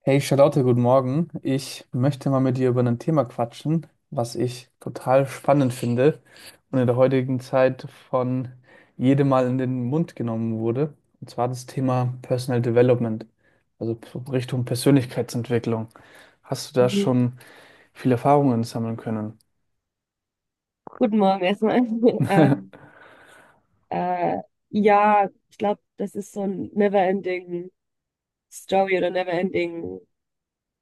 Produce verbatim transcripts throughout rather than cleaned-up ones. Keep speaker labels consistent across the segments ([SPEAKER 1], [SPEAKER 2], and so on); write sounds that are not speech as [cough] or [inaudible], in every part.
[SPEAKER 1] Hey Charlotte, guten Morgen. Ich möchte mal mit dir über ein Thema quatschen, was ich total spannend finde und in der heutigen Zeit von jedem Mal in den Mund genommen wurde. Und zwar das Thema Personal Development, also p- Richtung Persönlichkeitsentwicklung. Hast du da
[SPEAKER 2] Mhm.
[SPEAKER 1] schon viele Erfahrungen sammeln können?
[SPEAKER 2] Guten Morgen erstmal. [laughs] Ähm,
[SPEAKER 1] [laughs]
[SPEAKER 2] äh, ja, ich glaube, das ist so ein Never-Ending Story oder Never-Ending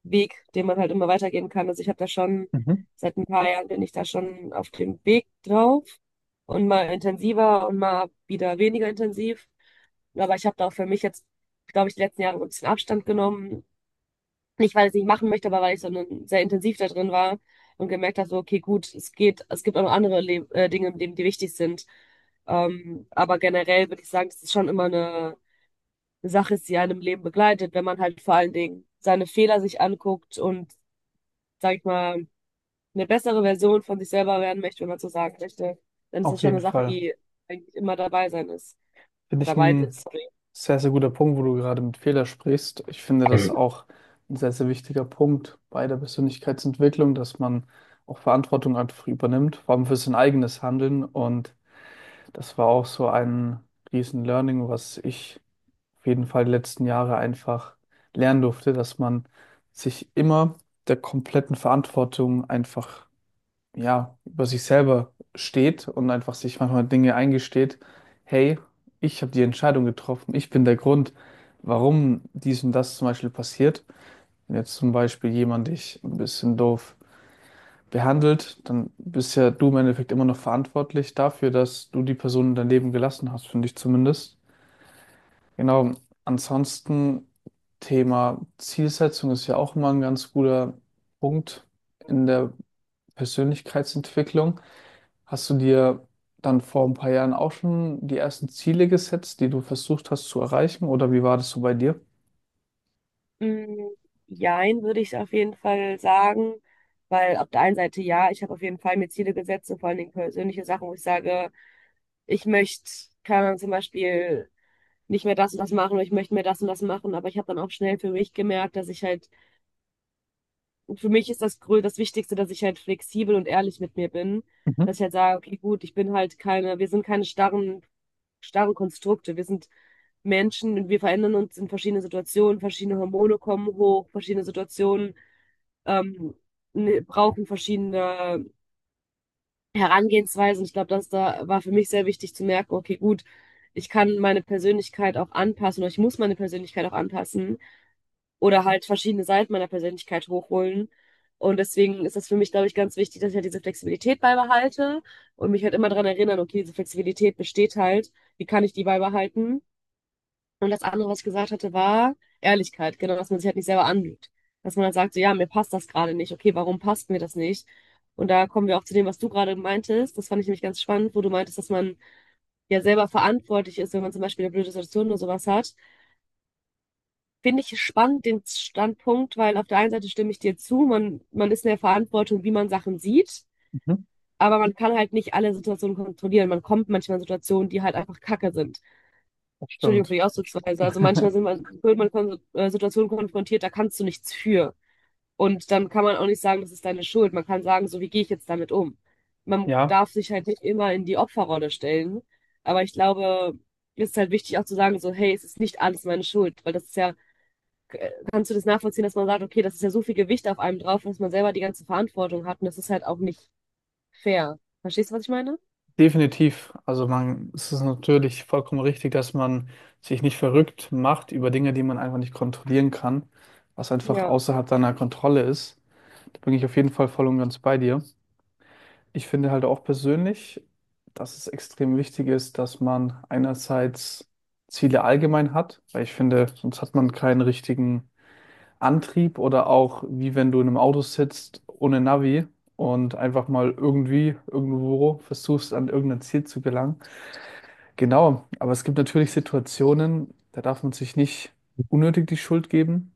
[SPEAKER 2] Weg, den man halt immer weitergehen kann. Also ich habe da schon,
[SPEAKER 1] Mhm.
[SPEAKER 2] seit ein paar Jahren bin ich da schon auf dem Weg drauf, und mal intensiver und mal wieder weniger intensiv. Aber ich habe da auch für mich jetzt, glaube ich, die letzten Jahre so ein bisschen Abstand genommen. Nicht, weil ich es nicht machen möchte, aber weil ich so einen- sehr intensiv da drin war und gemerkt habe, so, okay, gut, es geht, es gibt auch noch andere Le äh, Dinge im Leben, die wichtig sind. Ähm, aber generell würde ich sagen, das ist schon immer eine, eine Sache ist, die einem Leben begleitet, wenn man halt vor allen Dingen seine Fehler sich anguckt und, sag ich mal, eine bessere Version von sich selber werden möchte, wenn man so sagen möchte, dann ist das
[SPEAKER 1] Auf
[SPEAKER 2] schon
[SPEAKER 1] jeden
[SPEAKER 2] eine Sache,
[SPEAKER 1] Fall.
[SPEAKER 2] die eigentlich immer dabei sein ist.
[SPEAKER 1] Finde ich
[SPEAKER 2] Dabei
[SPEAKER 1] ein
[SPEAKER 2] ist, sorry.
[SPEAKER 1] sehr, sehr guter Punkt, wo du gerade mit Fehler sprichst. Ich finde das auch ein sehr, sehr wichtiger Punkt bei der Persönlichkeitsentwicklung, dass man auch Verantwortung einfach übernimmt, vor allem für sein eigenes Handeln. Und das war auch so ein riesen Learning, was ich auf jeden Fall die letzten Jahre einfach lernen durfte, dass man sich immer der kompletten Verantwortung einfach ja, über sich selber steht und einfach sich manchmal Dinge eingesteht, hey, ich habe die Entscheidung getroffen, ich bin der Grund, warum dies und das zum Beispiel passiert. Wenn jetzt zum Beispiel jemand dich ein bisschen doof behandelt, dann bist ja du im Endeffekt immer noch verantwortlich dafür, dass du die Person in dein Leben gelassen hast, finde ich zumindest. Genau, ansonsten Thema Zielsetzung ist ja auch immer ein ganz guter Punkt in der Persönlichkeitsentwicklung. Hast du dir dann vor ein paar Jahren auch schon die ersten Ziele gesetzt, die du versucht hast zu erreichen? Oder wie war das so bei dir?
[SPEAKER 2] Mm, Jein, würde ich auf jeden Fall sagen, weil auf der einen Seite ja, ich habe auf jeden Fall mir Ziele gesetzt, und vor allen Dingen persönliche Sachen, wo ich sage, ich möchte, keine Ahnung, zum Beispiel nicht mehr das und das machen oder ich möchte mehr das und das machen, aber ich habe dann auch schnell für mich gemerkt, dass ich halt, für mich ist das grö das Wichtigste, dass ich halt flexibel und ehrlich mit mir bin.
[SPEAKER 1] Mhm,
[SPEAKER 2] Dass ich halt sage, okay, gut, ich bin halt keine, wir sind keine starren, starren Konstrukte. Wir sind Menschen und wir verändern uns in verschiedenen Situationen. Verschiedene Hormone kommen hoch, verschiedene Situationen ähm, ne- brauchen verschiedene Herangehensweisen. Ich glaube, das da war für mich sehr wichtig zu merken, okay, gut, ich kann meine Persönlichkeit auch anpassen oder ich muss meine Persönlichkeit auch anpassen oder halt verschiedene Seiten meiner Persönlichkeit hochholen. Und deswegen ist das für mich, glaube ich, ganz wichtig, dass ich halt diese Flexibilität beibehalte und mich halt immer daran erinnern, okay, diese Flexibilität besteht halt, wie kann ich die beibehalten? Und das andere, was ich gesagt hatte, war Ehrlichkeit, genau, dass man sich halt nicht selber anlügt. Dass man halt sagt, so, ja, mir passt das gerade nicht, okay, warum passt mir das nicht? Und da kommen wir auch zu dem, was du gerade meintest. Das fand ich nämlich ganz spannend, wo du meintest, dass man ja selber verantwortlich ist, wenn man zum Beispiel eine blöde Situation oder sowas hat. Finde ich spannend, den Standpunkt, weil auf der einen Seite stimme ich dir zu, man, man ist in der Verantwortung, wie man Sachen sieht,
[SPEAKER 1] mhm.
[SPEAKER 2] aber man kann halt nicht alle Situationen kontrollieren. Man kommt manchmal in Situationen, die halt einfach kacke sind.
[SPEAKER 1] Das
[SPEAKER 2] Entschuldigung für
[SPEAKER 1] stimmt.
[SPEAKER 2] die Ausdrucksweise. Also manchmal
[SPEAKER 1] [laughs]
[SPEAKER 2] sind man, wird man kon äh, Situationen konfrontiert, da kannst du nichts für. Und dann kann man auch nicht sagen, das ist deine Schuld. Man kann sagen, so, wie gehe ich jetzt damit um? Man
[SPEAKER 1] Ja,
[SPEAKER 2] darf sich halt nicht immer in die Opferrolle stellen. Aber ich glaube, es ist halt wichtig auch zu sagen, so, hey, es ist nicht alles meine Schuld, weil das ist ja, kannst du das nachvollziehen, dass man sagt, okay, das ist ja so viel Gewicht auf einem drauf, dass man selber die ganze Verantwortung hat, und das ist halt auch nicht fair. Verstehst du, was ich meine?
[SPEAKER 1] definitiv. Also man, es ist natürlich vollkommen richtig, dass man sich nicht verrückt macht über Dinge, die man einfach nicht kontrollieren kann, was einfach
[SPEAKER 2] Ja,
[SPEAKER 1] außerhalb deiner Kontrolle ist. Da bin ich auf jeden Fall voll und ganz bei dir. Ich finde halt auch persönlich, dass es extrem wichtig ist, dass man einerseits Ziele allgemein hat, weil ich finde, sonst hat man keinen richtigen Antrieb oder auch wie wenn du in einem Auto sitzt ohne Navi und einfach mal irgendwie irgendwo versuchst, an irgendein Ziel zu gelangen. Genau, aber es gibt natürlich Situationen, da darf man sich nicht unnötig die Schuld geben.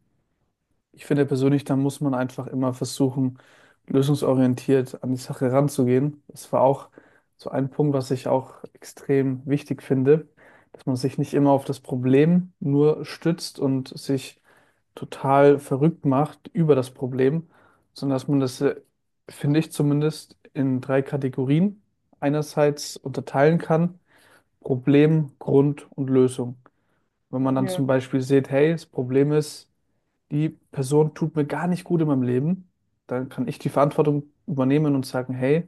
[SPEAKER 1] Ich finde persönlich, da muss man einfach immer versuchen, lösungsorientiert an die Sache ranzugehen. Das war auch so ein Punkt, was ich auch extrem wichtig finde, dass man sich nicht immer auf das Problem nur stützt und sich total verrückt macht über das Problem, sondern dass man das, äh, finde ich zumindest, in drei Kategorien einerseits unterteilen kann. Problem, Grund und Lösung. Wenn man dann zum
[SPEAKER 2] ja,
[SPEAKER 1] Beispiel sieht, hey, das Problem ist, die Person tut mir gar nicht gut in meinem Leben, dann kann ich die Verantwortung übernehmen und sagen, hey,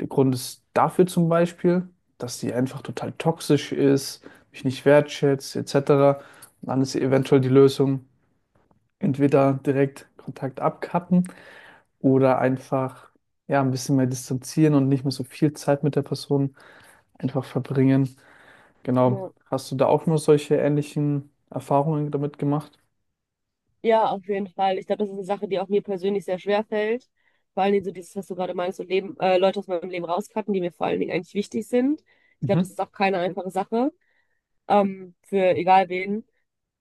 [SPEAKER 1] der Grund ist dafür zum Beispiel, dass sie einfach total toxisch ist, mich nicht wertschätzt, et cetera. Und dann ist eventuell die Lösung, entweder direkt Kontakt abkappen oder einfach ja, ein bisschen mehr distanzieren und nicht mehr so viel Zeit mit der Person einfach verbringen. Genau.
[SPEAKER 2] ja.
[SPEAKER 1] Hast du da auch nur solche ähnlichen Erfahrungen damit gemacht?
[SPEAKER 2] Ja, auf jeden Fall. Ich glaube, das ist eine Sache, die auch mir persönlich sehr schwer fällt. Vor allen Dingen so dieses, was du gerade meinst, so Leben, äh, Leute aus meinem Leben rauscutten, die mir vor allen Dingen eigentlich wichtig sind. Ich glaube, das
[SPEAKER 1] Mhm.
[SPEAKER 2] ist auch keine einfache Sache, ähm, für egal wen.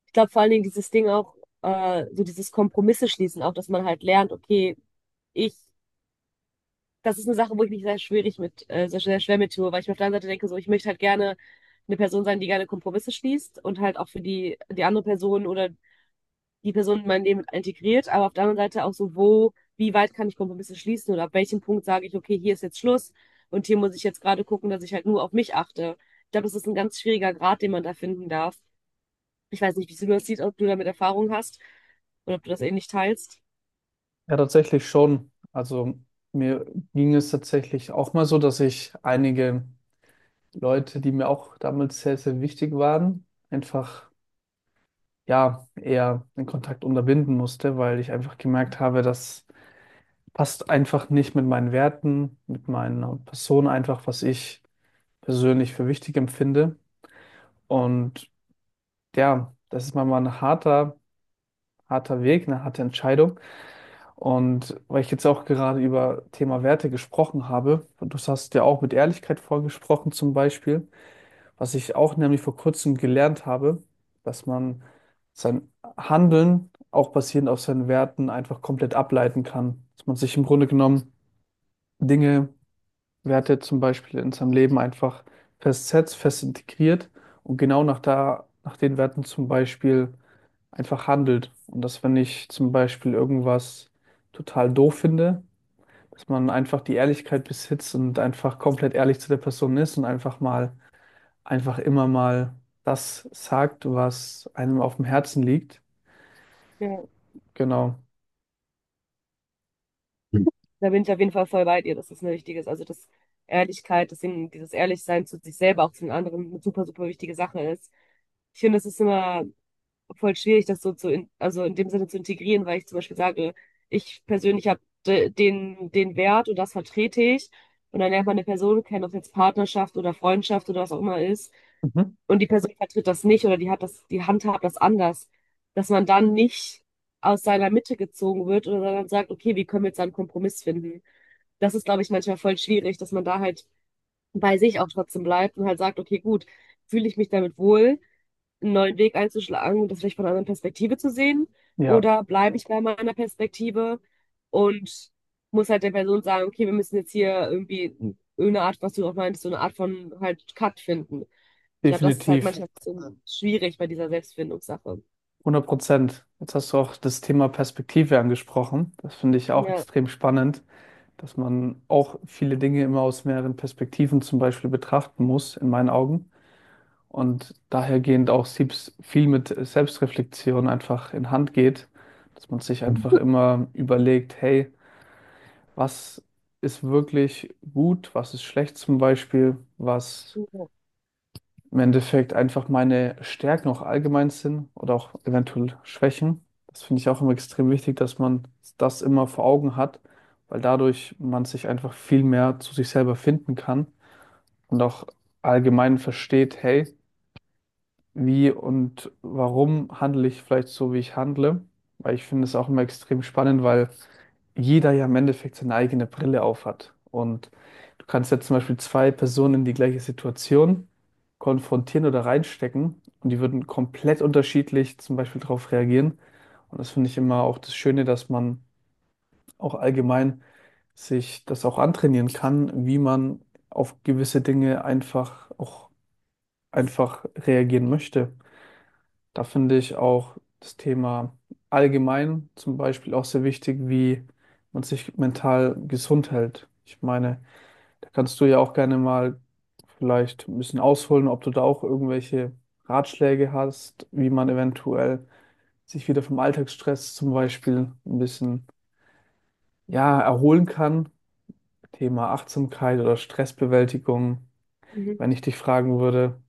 [SPEAKER 2] Ich glaube vor allen Dingen dieses Ding auch, äh, so dieses Kompromisse schließen, auch dass man halt lernt, okay, ich das ist eine Sache, wo ich mich sehr schwierig mit, äh, sehr, sehr schwer mit tue, weil ich mir auf der einen Seite denke, so, ich möchte halt gerne eine Person sein, die gerne Kompromisse schließt und halt auch für die, die andere Person oder die Person in mein Leben integriert, aber auf der anderen Seite auch so, wo, wie weit kann ich Kompromisse schließen oder ab welchem Punkt sage ich, okay, hier ist jetzt Schluss und hier muss ich jetzt gerade gucken, dass ich halt nur auf mich achte. Ich glaube, das ist ein ganz schwieriger Grad, den man da finden darf. Ich weiß nicht, wie du das siehst, ob du damit Erfahrung hast oder ob du das ähnlich teilst.
[SPEAKER 1] Ja, tatsächlich schon. Also mir ging es tatsächlich auch mal so, dass ich einige Leute, die mir auch damals sehr, sehr wichtig waren, einfach ja eher den Kontakt unterbinden musste, weil ich einfach gemerkt habe, das passt einfach nicht mit meinen Werten, mit meiner Person einfach, was ich persönlich für wichtig empfinde. Und ja, das ist mal mal ein harter, harter Weg, eine harte Entscheidung. Und weil ich jetzt auch gerade über Thema Werte gesprochen habe, und du hast ja auch mit Ehrlichkeit vorgesprochen zum Beispiel, was ich auch nämlich vor kurzem gelernt habe, dass man sein Handeln auch basierend auf seinen Werten einfach komplett ableiten kann. Dass man sich im Grunde genommen Dinge, Werte zum Beispiel in seinem Leben einfach festsetzt, fest integriert und genau nach da, nach den Werten zum Beispiel einfach handelt. Und dass wenn ich zum Beispiel irgendwas total doof finde, dass man einfach die Ehrlichkeit besitzt und einfach komplett ehrlich zu der Person ist und einfach mal, einfach immer mal das sagt, was einem auf dem Herzen liegt.
[SPEAKER 2] Ja.
[SPEAKER 1] Genau.
[SPEAKER 2] Da bin ich auf jeden Fall voll bei dir, dass das eine wichtige ist. Also, dass Ehrlichkeit, deswegen dieses Ehrlichsein zu sich selber, auch zu den anderen, eine super, super wichtige Sache ist. Ich finde, das ist immer voll schwierig, das so zu, in, also in dem Sinne zu integrieren, weil ich zum Beispiel sage, ich persönlich habe den, den Wert und das vertrete ich. Und dann lernt man eine Person kennen, ob es jetzt Partnerschaft oder Freundschaft oder was auch immer ist.
[SPEAKER 1] Mhm.
[SPEAKER 2] Und die Person vertritt das nicht oder die hat das, die handhabt das anders. Dass man dann nicht aus seiner Mitte gezogen wird, oder sondern sagt, okay, wie können wir jetzt einen Kompromiss finden? Das ist, glaube ich, manchmal voll schwierig, dass man da halt bei sich auch trotzdem bleibt und halt sagt, okay, gut, fühle ich mich damit wohl? Einen neuen Weg einzuschlagen und das vielleicht von einer anderen Perspektive zu sehen?
[SPEAKER 1] Ja,
[SPEAKER 2] Oder bleibe ich bei meiner Perspektive und muss halt der Person sagen, okay, wir müssen jetzt hier irgendwie irgendeine Art, was du auch meinst, so eine Art von halt Cut finden. Ich glaube, das ist halt
[SPEAKER 1] definitiv.
[SPEAKER 2] manchmal ein bisschen schwierig bei dieser Selbstfindungssache.
[SPEAKER 1] Hundert Prozent. Jetzt hast du auch das Thema Perspektive angesprochen. Das finde ich auch
[SPEAKER 2] Ja,
[SPEAKER 1] extrem spannend, dass man auch viele Dinge immer aus mehreren Perspektiven zum Beispiel betrachten muss, in meinen Augen. Und dahergehend auch Siebs viel mit Selbstreflexion einfach in Hand geht, dass man sich einfach immer überlegt, hey, was ist wirklich gut, was ist schlecht zum Beispiel, was
[SPEAKER 2] ja.
[SPEAKER 1] im Endeffekt einfach meine Stärken auch allgemein sind oder auch eventuell Schwächen. Das finde ich auch immer extrem wichtig, dass man das immer vor Augen hat, weil dadurch man sich einfach viel mehr zu sich selber finden kann und auch allgemein versteht, hey, wie und warum handle ich vielleicht so, wie ich handle. Weil ich finde es auch immer extrem spannend, weil jeder ja im Endeffekt seine eigene Brille aufhat. Und du kannst jetzt zum Beispiel zwei Personen in die gleiche Situation konfrontieren oder reinstecken und die würden komplett unterschiedlich zum Beispiel darauf reagieren. Und das finde ich immer auch das Schöne, dass man auch allgemein sich das auch antrainieren kann, wie man auf gewisse Dinge einfach auch einfach reagieren möchte. Da finde ich auch das Thema allgemein zum Beispiel auch sehr wichtig, wie man sich mental gesund hält. Ich meine, da kannst du ja auch gerne mal vielleicht ein bisschen ausholen, ob du da auch irgendwelche Ratschläge hast, wie man eventuell sich wieder vom Alltagsstress zum Beispiel ein bisschen, ja, erholen kann. Thema Achtsamkeit oder Stressbewältigung.
[SPEAKER 2] Mhm.
[SPEAKER 1] Wenn ich dich fragen würde,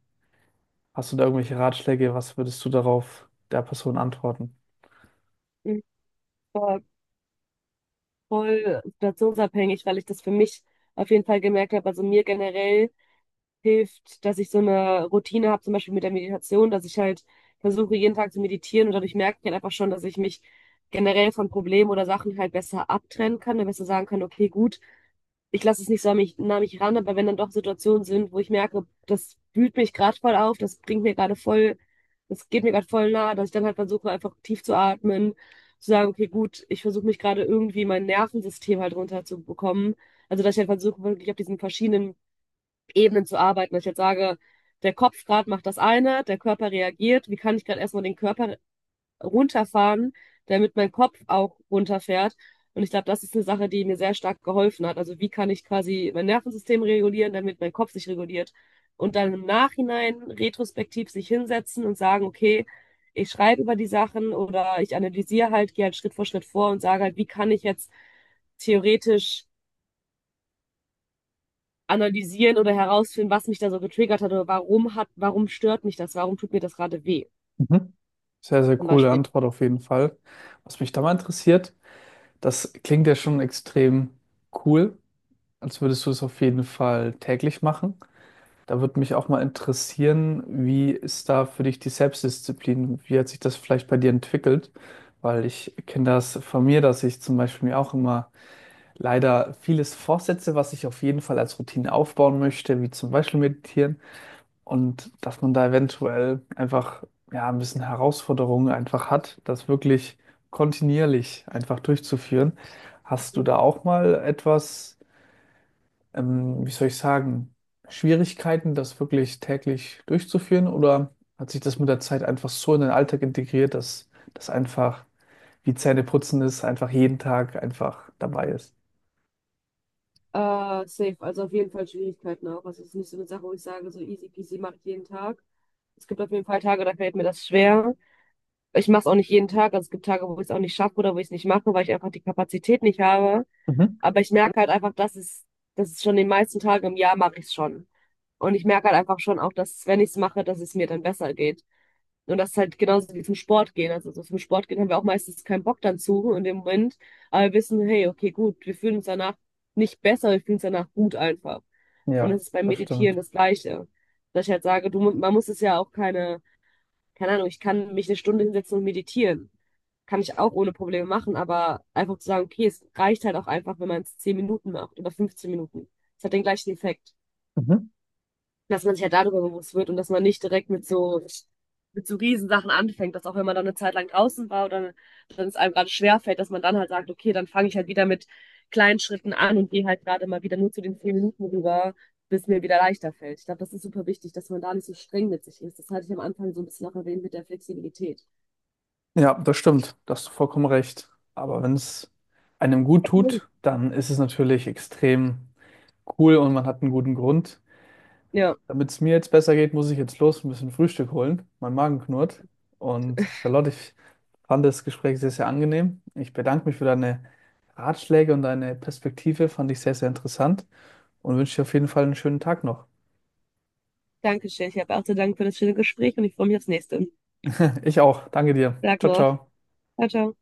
[SPEAKER 1] hast du da irgendwelche Ratschläge, was würdest du darauf der Person antworten?
[SPEAKER 2] Mhm. Voll, voll situationsabhängig, weil ich das für mich auf jeden Fall gemerkt habe. Also, mir generell hilft, dass ich so eine Routine habe, zum Beispiel mit der Meditation, dass ich halt versuche, jeden Tag zu meditieren, und dadurch merke ich halt einfach schon, dass ich mich generell von Problemen oder Sachen halt besser abtrennen kann, dann besser sagen kann, okay, gut, ich lasse es nicht so an mich, nah an mich ran, aber wenn dann doch Situationen sind, wo ich merke, das wühlt mich gerade voll auf, das bringt mir gerade voll, das geht mir gerade voll nah, dass ich dann halt versuche, einfach tief zu atmen, zu sagen, okay, gut, ich versuche mich gerade irgendwie mein Nervensystem halt runterzubekommen. Also, dass ich halt versuche, wirklich auf diesen verschiedenen Ebenen zu arbeiten. Wenn ich jetzt sage, der Kopf gerade macht das eine, der Körper reagiert, wie kann ich gerade erstmal den Körper runterfahren, damit mein Kopf auch runterfährt. Und ich glaube, das ist eine Sache, die mir sehr stark geholfen hat. Also, wie kann ich quasi mein Nervensystem regulieren, damit mein Kopf sich reguliert. Und dann im Nachhinein retrospektiv sich hinsetzen und sagen, okay, ich schreibe über die Sachen oder ich analysiere halt, gehe halt Schritt für Schritt vor und sage halt, wie kann ich jetzt theoretisch analysieren oder herausfinden, was mich da so getriggert hat oder warum hat, warum stört mich das, warum tut mir das gerade weh,
[SPEAKER 1] Mhm. Sehr, sehr
[SPEAKER 2] zum
[SPEAKER 1] coole
[SPEAKER 2] Beispiel.
[SPEAKER 1] Antwort auf jeden Fall. Was mich da mal interessiert, das klingt ja schon extrem cool, als würdest du es auf jeden Fall täglich machen. Da würde mich auch mal interessieren, wie ist da für dich die Selbstdisziplin? Wie hat sich das vielleicht bei dir entwickelt? Weil ich kenne das von mir, dass ich zum Beispiel mir auch immer leider vieles vorsetze, was ich auf jeden Fall als Routine aufbauen möchte, wie zum Beispiel meditieren und dass man da eventuell einfach ja ein bisschen Herausforderungen einfach hat, das wirklich kontinuierlich einfach durchzuführen. Hast du
[SPEAKER 2] Mhm.
[SPEAKER 1] da auch mal etwas, ähm, wie soll ich sagen, Schwierigkeiten, das wirklich täglich durchzuführen? Oder hat sich das mit der Zeit einfach so in den Alltag integriert, dass das einfach wie Zähneputzen ist, einfach jeden Tag einfach dabei ist?
[SPEAKER 2] Äh, safe, also auf jeden Fall Schwierigkeiten auch. Also es ist nicht so eine Sache, wo ich sage, so easy peasy mache ich jeden Tag. Es gibt auf jeden Fall Tage, da fällt mir das schwer. Ich mache es auch nicht jeden Tag. Also es gibt Tage, wo ich es auch nicht schaffe oder wo ich es nicht mache, weil ich einfach die Kapazität nicht habe.
[SPEAKER 1] Mhm.
[SPEAKER 2] Aber ich merke halt einfach, dass es, dass es schon, den meisten Tagen im Jahr mache ich es schon. Und ich merke halt einfach schon auch, dass wenn ich es mache, dass es mir dann besser geht. Und das ist halt genauso wie zum Sport gehen. Also so zum Sport gehen haben wir auch meistens keinen Bock dann zu, in dem Moment. Aber wir wissen, hey, okay, gut, wir fühlen uns danach nicht besser, wir fühlen uns danach gut einfach. Und
[SPEAKER 1] Ja,
[SPEAKER 2] das ist beim
[SPEAKER 1] das
[SPEAKER 2] Meditieren
[SPEAKER 1] stimmt.
[SPEAKER 2] das Gleiche. Dass ich halt sage, du, mu- man muss es ja auch keine keine Ahnung, ich kann mich eine Stunde hinsetzen und meditieren. Kann ich auch ohne Probleme machen, aber einfach zu sagen, okay, es reicht halt auch einfach, wenn man es zehn Minuten macht oder fünfzehn Minuten. Es hat den gleichen Effekt.
[SPEAKER 1] Mhm.
[SPEAKER 2] Dass man sich ja darüber bewusst wird und dass man nicht direkt mit so, mit so Riesensachen anfängt, dass auch wenn man dann eine Zeit lang draußen war oder dann es einem gerade schwerfällt, dass man dann halt sagt, okay, dann fange ich halt wieder mit kleinen Schritten an und gehe halt gerade mal wieder nur zu den zehn Minuten rüber, bis mir wieder leichter fällt. Ich glaube, das ist super wichtig, dass man da nicht so streng mit sich ist. Das hatte ich am Anfang so ein bisschen auch erwähnt mit der Flexibilität.
[SPEAKER 1] Ja, das stimmt. Da hast du vollkommen recht. Aber wenn es einem gut tut, dann ist es natürlich extrem cool und man hat einen guten Grund.
[SPEAKER 2] Ja,
[SPEAKER 1] Damit es mir jetzt besser geht, muss ich jetzt los ein bisschen Frühstück holen. Mein Magen knurrt. Und Charlotte, ich fand das Gespräch sehr, sehr angenehm. Ich bedanke mich für deine Ratschläge und deine Perspektive. Fand ich sehr, sehr interessant und wünsche dir auf jeden Fall einen schönen Tag noch.
[SPEAKER 2] danke schön. Ich habe auch zu danken für das schöne Gespräch und ich freue mich aufs nächste.
[SPEAKER 1] [laughs] Ich auch. Danke dir.
[SPEAKER 2] Sag
[SPEAKER 1] Ciao,
[SPEAKER 2] noch.
[SPEAKER 1] ciao.
[SPEAKER 2] Ciao, ciao.